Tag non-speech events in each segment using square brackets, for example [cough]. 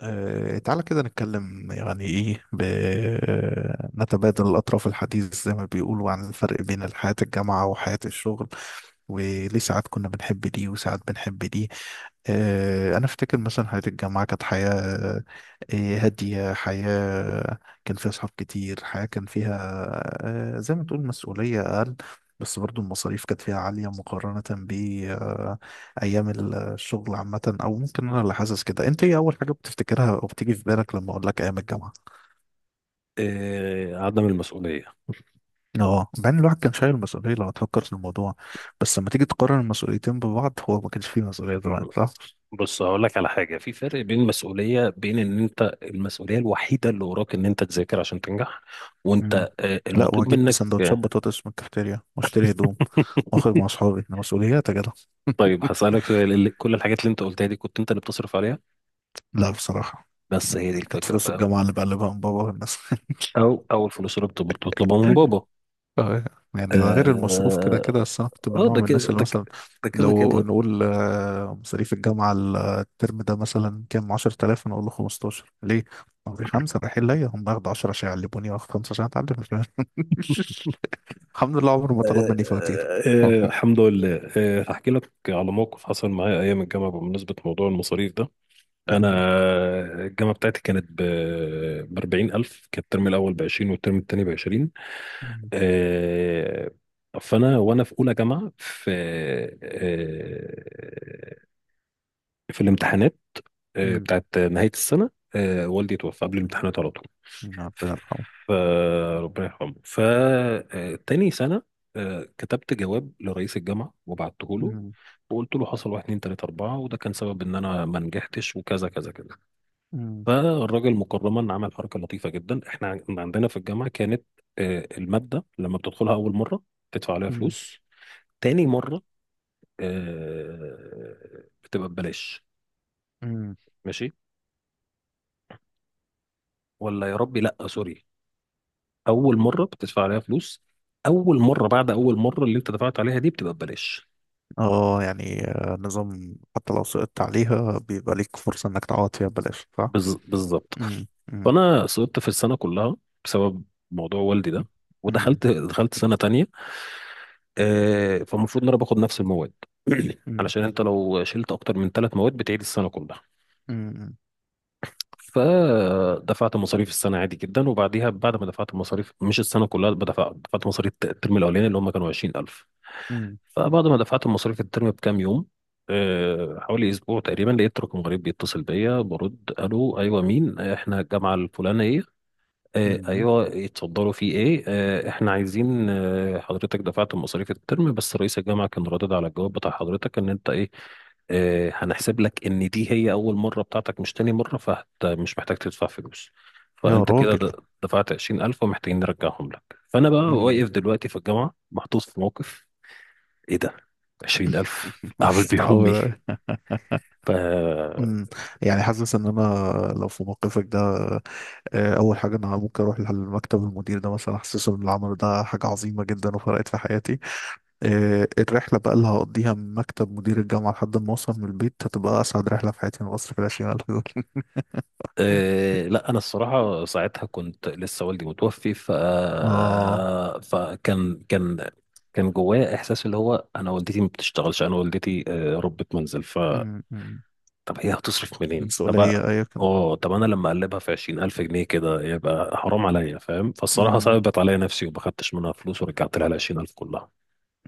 تعالى كده نتكلم يعني ايه ب... آه، نتبادل الأطراف الحديث زي ما بيقولوا عن الفرق بين حياة الجامعة وحياة الشغل وليه ساعات كنا بنحب دي وساعات بنحب دي. أنا أفتكر مثلا حياة الجامعة كانت حياة هادية، حياة كان فيها أصحاب كتير، حياة كان فيها زي ما تقول مسؤولية أقل، بس برضو المصاريف كانت فيها عالية مقارنة ايام الشغل عامه. او ممكن انا اللي حاسس كده، انت ايه اول حاجه بتفتكرها او بتيجي في بالك لما اقول لك ايام الجامعه؟ عدم المسؤولية. اه، بعدين الواحد كان شايل مسؤوليه لو تفكر في الموضوع، بس لما تيجي تقارن المسؤوليتين ببعض هو ما كانش فيه مسؤوليه زمان، صح؟ بص هقول لك على حاجة، في فرق بين المسؤولية، بين ان انت المسؤولية الوحيدة اللي وراك ان انت تذاكر عشان تنجح، وانت امم لا، المطلوب واجيب منك سندوتشات آه، بطاطس من الكافتيريا واشتري هدوم واخرج مع [laughs] اصحابي، ده مسؤوليات يا جدع. [laughs] طيب هسألك سؤال، اللي كل الحاجات اللي انت قلتها دي كنت انت اللي بتصرف عليها؟ لا بصراحه، بس هي دي كانت الفكرة، فلوس فاهم؟ الجامعه اللي بقلبها من بابا والناس. او الفلوس اللي بتطلبها من [laughs] بابا. اه، يعني ده غير المصروف كده كده، اه. بس انا كنت من نوع ده من كده الناس اللي ده كده مثلا ده كده لو كده. نقول مصاريف الجامعة الترم ده مثلا كام، 10000، انا اقول له 15، ليه؟ عمري خمسة رايحين ليا، هم ياخدوا 10 عشان يعلموني واخد خمسة عشان اتعلم. [laughs] الحمد لله عمره ما طلب مني آه، فواتير. [laughs] الحمد لله، هحكي لك على موقف حصل معايا ايام الجامعة بمناسبة موضوع المصاريف ده. انا مم. الجامعه بتاعتي كانت ب 40,000، كان الترم الاول ب 20 والترم الثاني ب 20. مم. آه، فانا وانا في اولى جامعه آه، في الامتحانات، مم. بتاعت نهايه السنه. والدي توفى قبل الامتحانات على طول، ربنا يرحمه. فربنا يرحمه، فتاني سنه. كتبت جواب لرئيس الجامعه وبعته له، مم. وقلت له حصل واحد اتنين تلاته اربعه، وده كان سبب ان انا ما نجحتش، وكذا كذا كذا. مم. فالراجل مكرما عمل حركه لطيفه جدا. احنا عندنا في الجامعه كانت الماده لما بتدخلها اول مره تدفع عليها مم. فلوس، تاني مره بتبقى ببلاش. مم. ماشي، ولا يا ربي، لا سوري، اول مره بتدفع عليها فلوس. اول مره، بعد اول مره اللي انت دفعت عليها دي بتبقى ببلاش. اه يعني نظام حتى لو سقطت عليها بيبقى ليك فرصة انك تعوض فيها ببلاش، صح؟ بالظبط. مم. مم. فانا سقطت في السنه كلها بسبب موضوع والدي ده، مم. مم. ودخلت سنه تانية. فالمفروض ان انا باخد نفس المواد. [clears throat] علشان انت لو شلت اكتر من 3 مواد بتعيد السنه كلها. مم. فدفعت مصاريف السنه عادي جدا، وبعديها بعد ما دفعت المصاريف مش السنه كلها، دفعت مصاريف الترم الاولاني اللي هم كانوا 20,000. مم. فبعد ما دفعت مصاريف الترم بكام يوم، حوالي اسبوع تقريبا، لقيت رقم غريب بيتصل بيا. برد: الو، ايوه مين؟ احنا الجامعه الفلانيه. مم. ايوه اتفضلوا، في ايه؟ احنا عايزين، حضرتك دفعت مصاريف الترم، بس رئيس الجامعه كان رادد على الجواب بتاع حضرتك ان انت ايه. هنحسب لك ان دي هي اول مره بتاعتك مش تاني مره، فمش محتاج تدفع فلوس. يا فانت كده راجل. دفعت 20,000، ومحتاجين نرجعهم لك. فانا بقى مم. واقف دلوقتي في الجامعه محطوط في موقف. ايه ده؟ 20,000 [laughs] أعمل مش بيهم إيه؟ متعود. ف مم. يعني حاسس ان انا لو في موقفك ده، اول حاجه انا ممكن اروح لمكتب المدير ده مثلا احسسه ان العمل ده حاجه عظيمه جدا وفرقت في حياتي. الرحله بقى اللي هقضيها من مكتب مدير الجامعه لحد ما اوصل من البيت هتبقى اسعد رحله في حياتي من مصر في الشمال. [laughs] آه، لا، أنا الصراحة ساعتها كنت لسه والدي متوفي. اه. فكان كان كان جوايا إحساس، اللي هو أنا والدتي ما بتشتغلش، أنا والدتي ربة منزل. مم. مم. طب هي هتصرف منين؟ طب مسؤوليه ايوه كان. اه، طب أنا لما أقلبها في 20,000 جنيه كده يبقى حرام عليا، فاهم؟ فالصراحة مم. صعبت عليا نفسي، وما خدتش منها فلوس، ورجعت لها العشرين ألف كلها.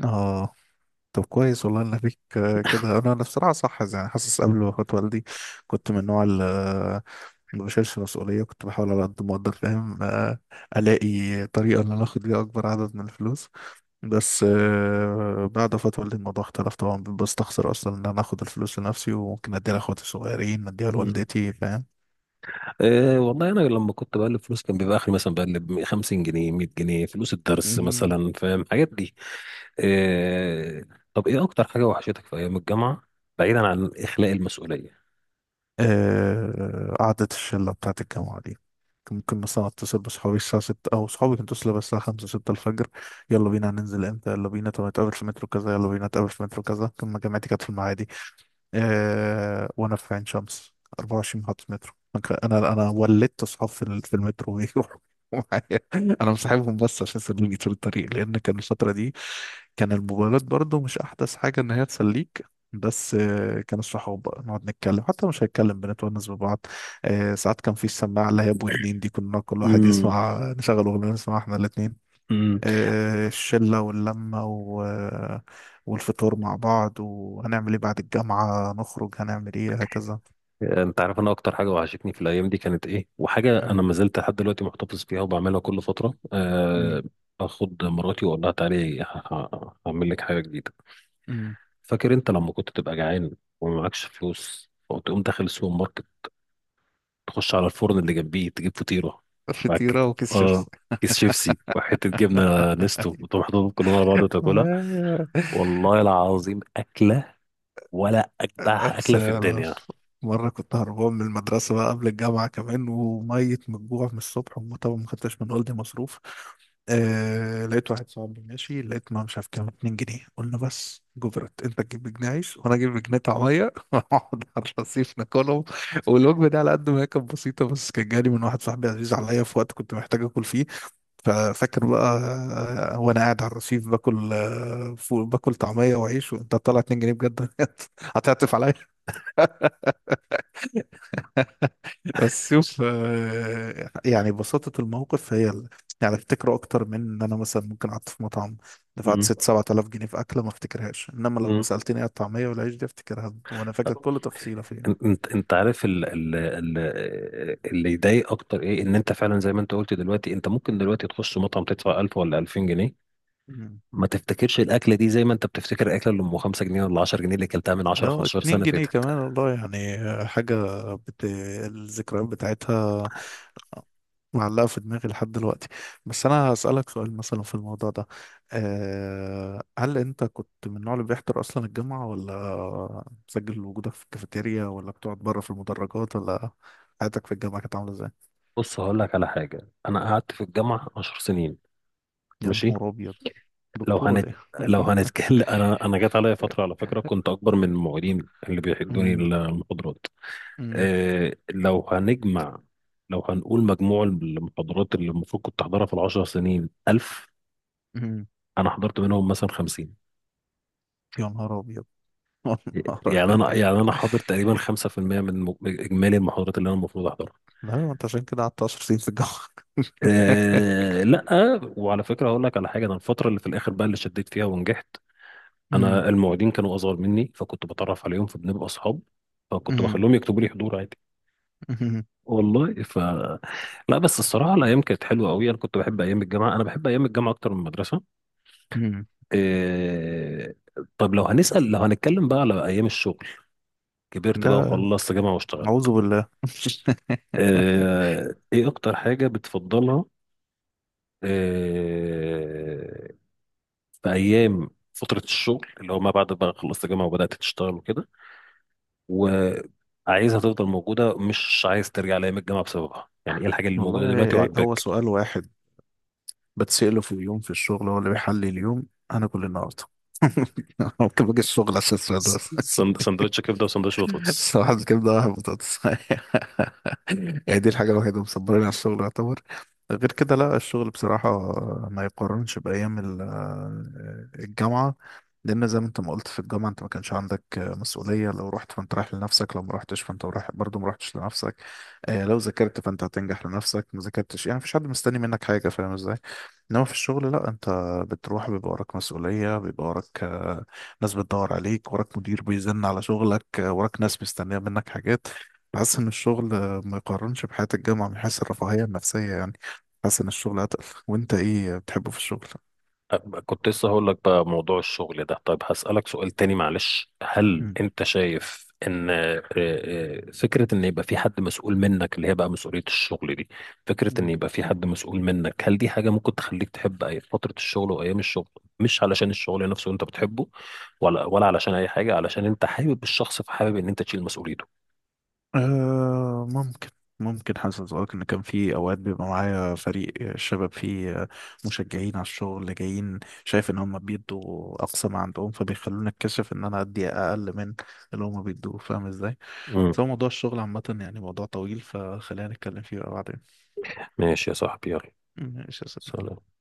اه طب كويس والله ان فيك كده. انا بصراحه صح، يعني حاسس قبل ما اخد والدي كنت من النوع اللي ما بشيلش مسؤوليه، كنت بحاول على قد ما اقدر، فاهم؟ الاقي طريقه ان انا اخد بيها اكبر عدد من الفلوس. بس بعد وفاه والدي الموضوع اختلف طبعا، بستخسر اصلا ان انا اخد الفلوس لنفسي وممكن اديها لاخواتي الصغيرين، اديها لوالدتي. أه والله، انا لما كنت بقلب فلوس كان بيبقى اخري مثلا بقلب 50 جنيه، 100 جنيه، فلوس الدرس فاهم مثلا، فاهم حاجات دي؟ أه، طب ايه اكتر حاجه وحشتك في ايام الجامعه بعيدا عن اخلاء المسؤوليه قعدة الشلة بتاعة الجامعة دي؟ كان ممكن مثلا أتصل بصحابي الساعة ستة أو صحابي كانوا يتصلوا بس الساعة خمسة ستة الفجر، يلا بينا هننزل إمتى، يلا بينا طب نتقابل في مترو كذا، يلا بينا نتقابل في مترو كذا. كان جامعتي كانت في المعادي آه وانا في عين شمس، 24 محطة مترو. انا ولدت اصحاب في المترو [laughs] بيروحوا معايا، انا مصاحبهم بس عشان يسلوني طول الطريق، لان كان الفترة دي كان الموبايلات برضو مش احدث حاجة ان هي تسليك. بس كان الصحاب بقى نقعد نتكلم، حتى مش هنتكلم بنتونس ببعض. ساعات كان في السماعة اللي هي ابو اتنين دي، كنا كل واحد امم يسمع، نشغل اغنية نسمعها احنا الاتنين. امم الشلة واللمة و... آه، والفطور مع بعض، وهنعمل ايه بعد الجامعة، نخرج هنعمل ايه هكذا. انت عارف انا اكتر حاجه وحشتني في الايام دي كانت ايه، وحاجه انا أمم، ما زلت لحد دلوقتي محتفظ بيها وبعملها كل فتره أمم، آه، اخد مراتي واقول لها تعالي هعمل لك حاجه جديده. أمم. فاكر انت لما كنت تبقى جعان وما معكش فلوس، وتقوم داخل السوبر ماركت تخش على الفرن اللي جنبيه تجيب فطيرة معاك؟ فطيرة وكيس اه، شيبس. كيس شيبسي وحتة جبنة نستو، وتقوم حاططهم كلهم على بعض وتاكلها. والله العظيم أكلة، ولا أجدع بس أكلة في يلا. الدنيا. مرة كنت هربان من المدرسة بقى قبل الجامعة كمان، وميت من الجوع من الصبح، طبعا ما خدتش من والدي مصروف. آه لقيت واحد صاحبي ماشي، لقيت، ما مش عارف كام، 2 جنيه. قلنا بس جبرت، انت تجيب جنيه عيش وانا اجيب جنيه طعمية [laughs] ونقعد على الرصيف ناكلهم. والوجبة دي على قد ما هي كانت بسيطة بس كانت جالي من واحد صاحبي عزيز عليا في وقت كنت محتاج اكل فيه. ففاكر بقى وانا قاعد على الرصيف باكل باكل طعمية وعيش، وانت طالع 2 جنيه بجد [laughs] هتعطف عليا. [laughs] بس شوف يعني بساطة الموقف هي يعني افتكره اكتر من ان انا مثلا ممكن قعدت في مطعم دفعت مم. ست سبعة آلاف جنيه في اكلة، ما افتكرهاش، انما لو مم. سألتني على الطعمية والعيش دي افتكرها وانا فاكر كل تفصيلة فيها. انت عارف ال ال ال اللي يضايق اكتر ايه؟ ان انت فعلا زي ما انت قلت دلوقتي، انت ممكن دلوقتي تخش مطعم تدفع 1000 ولا 2000 جنيه، مم. ما تفتكرش الاكله دي زي ما انت بتفتكر الاكله اللي ام 5 جنيه ولا 10 جنيه، اللي كلتها من 10 اه 15 اتنين سنه جنيه فاتت. كمان والله، يعني بت... الذكريات بتاعتها معلقة في دماغي لحد دلوقتي. بس أنا هسألك سؤال مثلا في الموضوع ده، أه هل أنت كنت من النوع اللي بيحضر أصلا الجامعة، ولا مسجل وجودك في الكافيتيريا، ولا بتقعد بره في المدرجات، ولا حياتك في الجامعة كانت عاملة إزاي؟ بص هقول لك على حاجة، أنا قعدت في الجامعة 10 سنين، يا ماشي. نهار أبيض، لو دكتور ولا هنت إيه؟ لو هنتكلم [laughs] أنا جت عليا فترة، على فكرة كنت [laughs] أكبر من المعيدين اللي بيحدوني أمم، المحاضرات. أمم، إيه، لو هنقول مجموع المحاضرات اللي المفروض كنت أحضرها في ال10 سنين 1000، أمم. أنا حضرت منهم مثلا 50. يا نهار أبيض. [laughs] يا نهار يعني أنا أبيض. يعني أنا حاضر تقريبا 5% من إجمالي المحاضرات اللي أنا المفروض أحضرها. لا ما أنت عشان كده قعدت 10 سنين في الجامعة. إيه، لا. وعلى فكرة هقول لك على حاجة، أنا الفترة اللي في الآخر بقى اللي شديت فيها ونجحت، [laughs] أمم، انا المعيدين كانوا اصغر مني، فكنت بتعرف عليهم فبنبقى اصحاب، فكنت أمم، بخليهم يكتبوا لي حضور عادي أمم، والله. لا بس الصراحه الايام كانت حلوه قوي. انا كنت بحب ايام الجامعه، انا بحب ايام الجامعه اكتر من المدرسه. أمم. إيه. طب لو هنتكلم بقى على ايام الشغل، كبرت بقى ده وخلصت جامعه واشتغلت. أعوذ بالله. [laughs] إيه، ايه اكتر حاجه بتفضلها؟ إيه. في ايام فتره الشغل اللي هو ما بعد بقى خلصت جامعه وبدات تشتغل وكده، وعايزها تفضل موجودة، مش عايز ترجع لأيام الجامعة بسببها، يعني ايه الحاجة اللي موجودة دلوقتي والله هو وعاجباك؟ سؤال واحد بتسأله في اليوم في الشغل هو اللي بيحلي اليوم، انا كل النهارده [laughs] ممكن باجي الشغل عشان السؤال ده. سندوتش كبدة وسندوتش بطاطس. صباح الكبدة واحد بطاطس. [laughs] يعني دي الحاجة الوحيدة اللي مصبراني على الشغل يعتبر، غير كده لا، الشغل بصراحة ما يقارنش بأيام ال- آه، الجامعة، لأن زي ما أنت ما قلت في الجامعة أنت ما كانش عندك مسؤولية، لو رحت فأنت رايح لنفسك، لو ما رحتش فأنت رايح برضه، ما رحتش لنفسك. لو ذاكرت فأنت هتنجح لنفسك، ما ذاكرتش يعني مفيش حد مستني منك حاجة، فاهم إزاي؟ إنما في الشغل لا، أنت بتروح بيبقى وراك مسؤولية، بيبقى وراك ناس بتدور عليك، وراك مدير بيزن على شغلك، وراك ناس مستنية منك حاجات. بحس إن الشغل ما يقارنش بحياة الجامعة من حيث الرفاهية النفسية يعني، بحس إن الشغل أتقل. وأنت إيه بتحبه في الشغل؟ كنت لسه هقول لك بقى موضوع الشغل ده. طيب هسألك سؤال تاني، معلش، هل انت شايف ان فكرة ان يبقى في حد مسؤول منك اللي هي بقى مسؤولية الشغل دي، فكرة ان مم. يبقى في حد مسؤول منك، هل دي حاجة ممكن تخليك تحب أي فترة الشغل وايام الشغل؟ مش علشان الشغل نفسه انت بتحبه، ولا علشان اي حاجة، علشان انت حابب الشخص فحابب ان انت تشيل مسؤوليته. آه ممكن، ممكن حاسس أقولك إن كان في أوقات بيبقى معايا فريق الشباب، فيه مشجعين على الشغل جايين، شايف إن هم بيدوا أقصى ما عندهم فبيخلوني أتكشف إن أنا أدي أقل من اللي هم بيدوه، فاهم إزاي؟ امم. بس هو موضوع الشغل عامة يعني موضوع طويل، فخلينا نتكلم فيه بقى بعدين. ماشي يا صاحبي، يلا. ماشي يا صديقي. سلام.